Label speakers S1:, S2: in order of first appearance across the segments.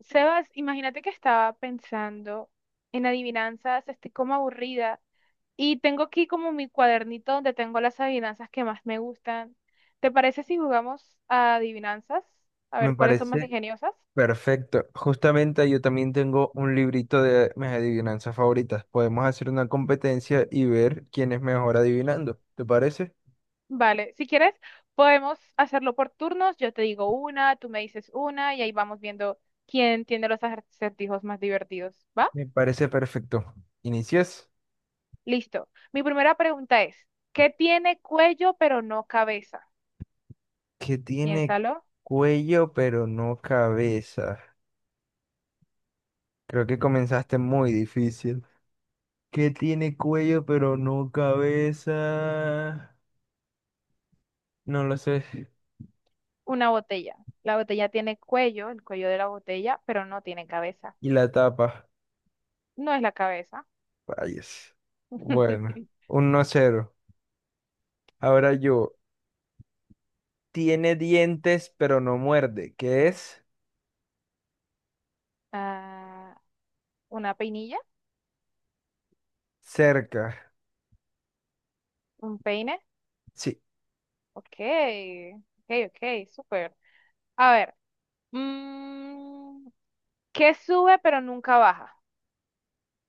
S1: Sebas, imagínate que estaba pensando en adivinanzas, estoy como aburrida y tengo aquí como mi cuadernito donde tengo las adivinanzas que más me gustan. ¿Te parece si jugamos a adivinanzas? A
S2: Me
S1: ver cuáles son más
S2: parece
S1: ingeniosas.
S2: perfecto. Justamente yo también tengo un librito de mis adivinanzas favoritas. Podemos hacer una competencia y ver quién es mejor adivinando. ¿Te parece?
S1: Vale, si quieres, podemos hacerlo por turnos. Yo te digo una, tú me dices una y ahí vamos viendo quién tiene los acertijos más divertidos. ¿Va?
S2: Me parece perfecto. Inicias.
S1: Listo. Mi primera pregunta es, ¿qué tiene cuello pero no cabeza?
S2: Que tiene
S1: Piénsalo.
S2: cuello pero no cabeza. Creo que comenzaste muy difícil. Que tiene cuello pero no cabeza. No lo sé.
S1: Una botella. La botella tiene cuello, el cuello de la botella, pero no tiene cabeza.
S2: Y la tapa.
S1: No es la cabeza.
S2: Vayas. Bueno, 1 cero. Ahora yo. Tiene dientes, pero no muerde. ¿Qué es?
S1: Ah, una peinilla,
S2: Cerca.
S1: un peine.
S2: Sí.
S1: Ok, ok, ok, súper. A ver, mm, ¿qué sube pero nunca baja?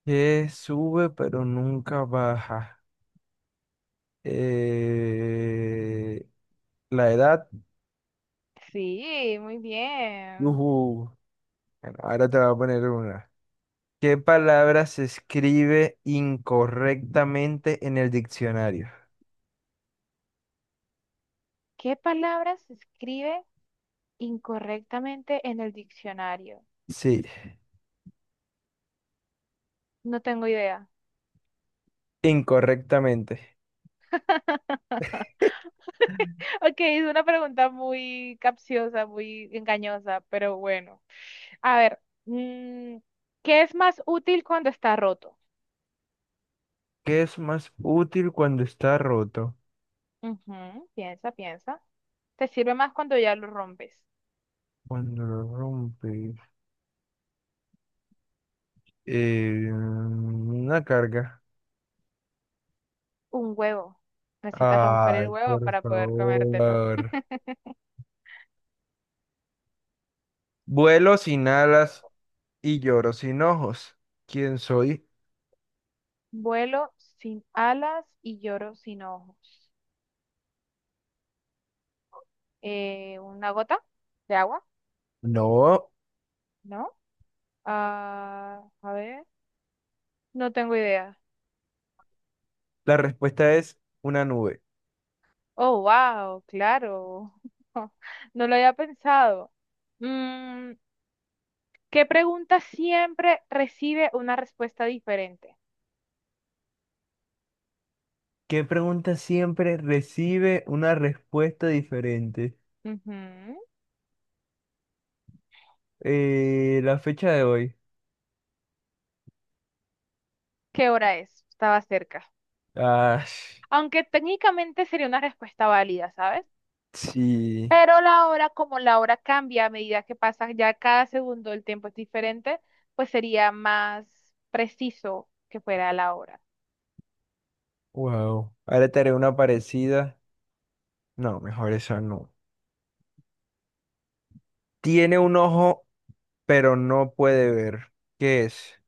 S2: Que sube, pero nunca baja. Eh, La edad.
S1: Sí, muy bien.
S2: Ujú. Bueno, ahora te voy a poner una. ¿Qué palabra se escribe incorrectamente en el diccionario?
S1: ¿Qué palabra se escribe incorrectamente en el diccionario?
S2: Sí,
S1: No tengo idea.
S2: incorrectamente.
S1: Ok, es una pregunta muy capciosa, muy engañosa, pero bueno. A ver, mm, ¿qué es más útil cuando está roto?
S2: ¿Qué es más útil cuando está roto?
S1: Ujú, piensa, piensa. Te sirve más cuando ya lo rompes.
S2: Cuando lo rompe. Una carga.
S1: Un huevo. Necesitas romper el
S2: Ay,
S1: huevo
S2: por
S1: para poder comértelo.
S2: favor. Vuelo sin alas y lloro sin ojos. ¿Quién soy?
S1: Vuelo sin alas y lloro sin ojos. ¿Una gota de agua?
S2: No.
S1: ¿No? Ah, a ver, no tengo idea.
S2: La respuesta es una nube.
S1: Oh, wow, claro. No lo había pensado. Mm, ¿Qué pregunta siempre recibe una respuesta diferente?
S2: ¿Qué pregunta siempre recibe una respuesta diferente?
S1: Ujú.
S2: La fecha de hoy.
S1: ¿Qué hora es? Estaba cerca.
S2: Ah,
S1: Aunque técnicamente sería una respuesta válida, ¿sabes?
S2: sí.
S1: Pero la hora, como la hora cambia a medida que pasa, ya cada segundo el tiempo es diferente, pues sería más preciso que fuera la hora.
S2: Wow. Ahora te haré una parecida. No, mejor esa no. Tiene un ojo, pero no puede ver. ¿Qué es?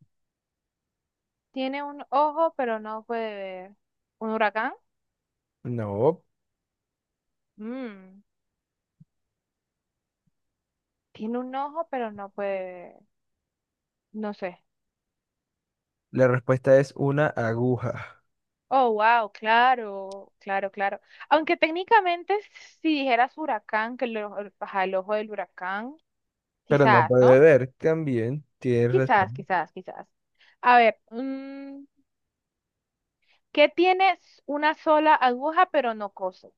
S1: Tiene un ojo, pero no puede ver. ¿Un huracán?
S2: No.
S1: Mm. Tiene un ojo, pero no puede ver. No sé.
S2: La respuesta es una aguja.
S1: Oh, wow, claro, claro, claro. Aunque técnicamente si dijeras huracán, que el, ajá, el ojo del huracán,
S2: Pero no
S1: quizás,
S2: puede
S1: ¿no?
S2: ver, también tiene
S1: Quizás,
S2: razón.
S1: quizás, quizás. A ver, ¿qué tienes una sola aguja pero no coso?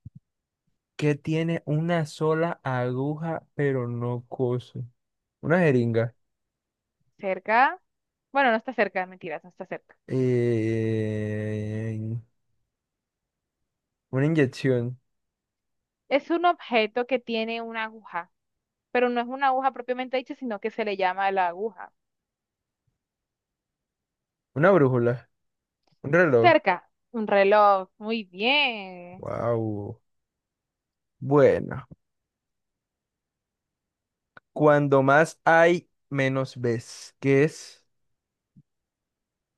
S2: Que tiene una sola aguja, pero no cose. Una jeringa.
S1: ¿Cerca? Bueno, no está cerca, mentiras, no está cerca.
S2: eh, una inyección.
S1: Es un objeto que tiene una aguja, pero no es una aguja propiamente dicha, sino que se le llama la aguja.
S2: Una brújula. Un reloj.
S1: Cerca, un reloj, muy bien.
S2: Wow. Bueno, cuando más hay, menos ves. ¿Qué es?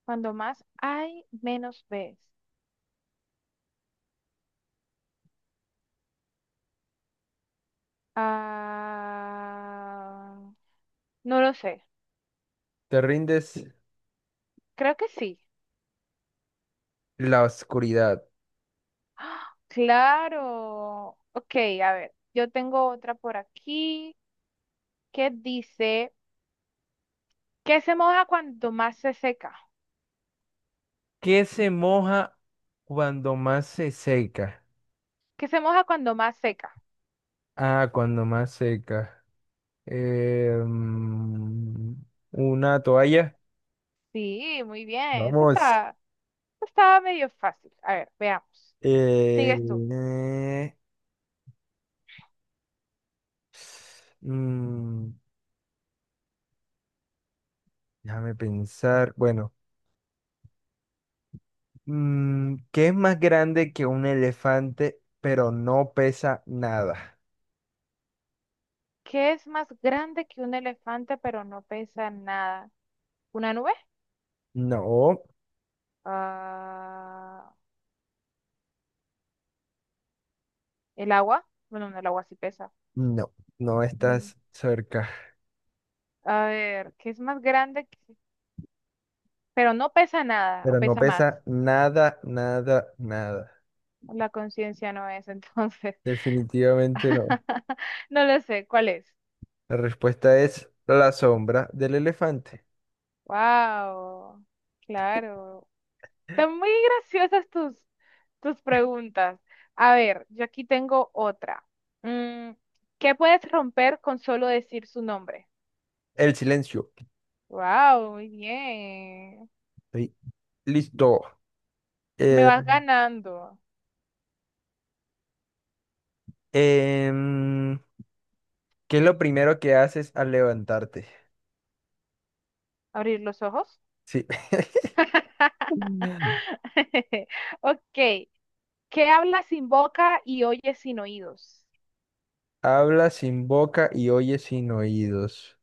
S1: Cuando más hay, menos ves. Ah, no lo sé.
S2: Te rindes
S1: Creo que sí.
S2: la oscuridad.
S1: ¡Ah! Claro. Ok, a ver. Yo tengo otra por aquí que dice, ¿qué se moja cuando más se seca?
S2: ¿Qué se moja cuando más se seca?
S1: ¿Qué se moja cuando más seca?
S2: Ah, cuando más seca. eh, mm, una toalla.
S1: Sí, muy bien. Eso
S2: Vamos.
S1: está, eso estaba medio fácil. A ver, veamos.
S2: eh,
S1: Sigues tú.
S2: eh, mm, déjame pensar. Bueno, ¿qué es más grande que un elefante, pero no pesa nada?
S1: ¿Qué es más grande que un elefante pero no pesa nada? ¿Una nube?
S2: No,
S1: Ah, ¿el agua? Bueno, no, el agua sí pesa.
S2: no
S1: Mm,
S2: estás cerca.
S1: a ver, ¿qué es más grande? Pero no pesa nada o
S2: Pero no
S1: pesa más.
S2: pesa nada, nada, nada.
S1: La conciencia no es, entonces.
S2: Definitivamente no.
S1: No lo sé, ¿cuál es?
S2: La respuesta es la sombra del elefante.
S1: Wow, claro. Están muy graciosas tus preguntas. A ver, yo aquí tengo otra. Mm, ¿Qué puedes romper con solo decir su nombre?
S2: El silencio.
S1: Wow, muy bien.
S2: Estoy listo.
S1: Me
S2: Eh,
S1: vas ganando.
S2: em, ¿Qué es lo primero que haces al levantarte?
S1: ¿Abrir los ojos?
S2: Sí. Mm.
S1: Ok, ¿qué habla sin boca y oye sin oídos?
S2: Habla sin boca y oye sin oídos.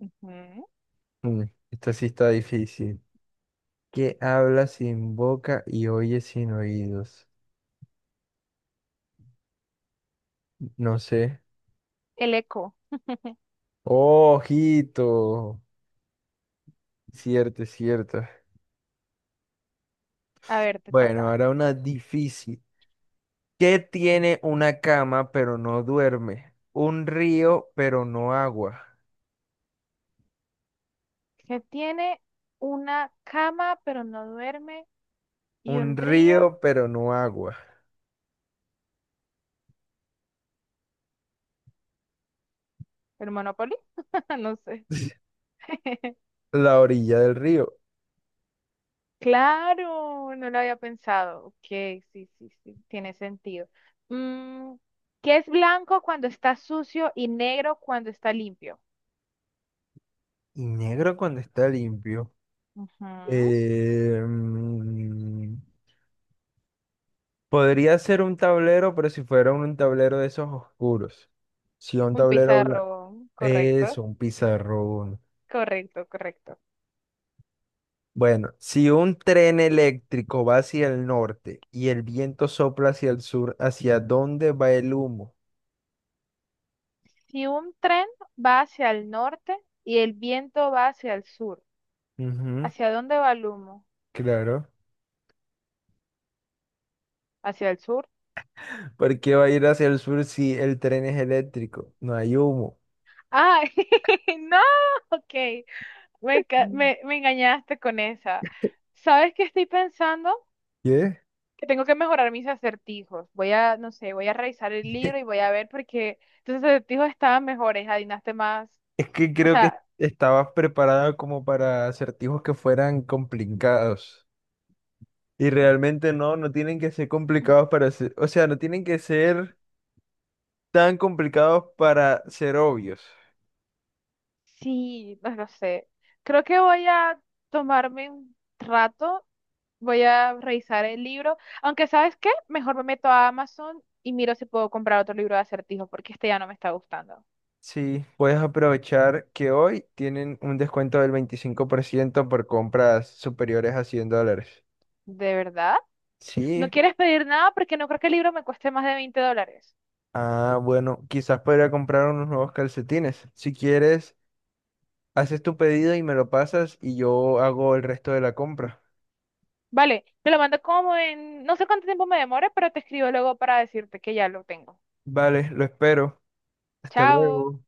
S1: Ujú.
S2: Mm, esto sí está difícil. ¿Qué habla sin boca y oye sin oídos? No sé.
S1: El eco.
S2: Oh, ojito. Cierto, cierto.
S1: A ver, te
S2: Bueno,
S1: toca.
S2: ahora una difícil. ¿Qué tiene una cama pero no duerme? Un río pero no agua.
S1: Que tiene una cama pero no duerme y un
S2: Un
S1: río.
S2: río pero no agua.
S1: ¿El Monopoly? No sé.
S2: La orilla del río
S1: Claro, no lo había pensado. Ok, sí, sí, sí, tiene sentido. Mm, ¿Qué es blanco cuando está sucio y negro cuando está limpio?
S2: y negro cuando está limpio.
S1: Ujú.
S2: Eh, mm, podría ser un tablero, pero si fuera un tablero de esos oscuros. Si un
S1: Un
S2: tablero blanco.
S1: pizarro, correcto,
S2: Eso, un pizarrón.
S1: correcto, correcto.
S2: Bueno, si un tren eléctrico va hacia el norte y el viento sopla hacia el sur, ¿hacia dónde va el humo?
S1: Si un tren va hacia el norte y el viento va hacia el sur,
S2: Ujú,
S1: ¿hacia dónde va el humo?
S2: claro.
S1: ¿Hacia el sur?
S2: ¿Por qué va a ir hacia el sur si el tren es eléctrico? No hay humo.
S1: ¡Ay! ¡No! Ok,
S2: Mm.
S1: me engañaste con esa. ¿Sabes qué estoy pensando?
S2: ¿Qué?
S1: Que tengo que mejorar mis acertijos. Voy a, no sé, voy a revisar el libro y voy a ver porque tus acertijos estaban mejores, adivinaste más.
S2: Es que
S1: O
S2: creo que
S1: sea,
S2: estabas preparada como para acertijos que fueran complicados. Y realmente no, no tienen que ser complicados para ser, o sea, no tienen que ser tan complicados para ser obvios.
S1: sí, no lo sé. Creo que voy a tomarme un rato. Voy a revisar el libro. Aunque, ¿sabes qué? Mejor me meto a Amazon y miro si puedo comprar otro libro de acertijos, porque este ya no me está gustando.
S2: Sí, puedes aprovechar que hoy tienen un descuento del 25% por compras superiores a $100.
S1: ¿De verdad? ¿No
S2: Sí,
S1: quieres pedir nada? Porque no creo que el libro me cueste más de 20 dólares.
S2: ah, bueno, quizás podría comprar unos nuevos calcetines. Si quieres, haces tu pedido y me lo pasas y yo hago el resto de la compra.
S1: Vale, te lo mando como en... No sé cuánto tiempo me demore, pero te escribo luego para decirte que ya lo tengo.
S2: Vale, lo espero. Hasta
S1: Chao.
S2: luego.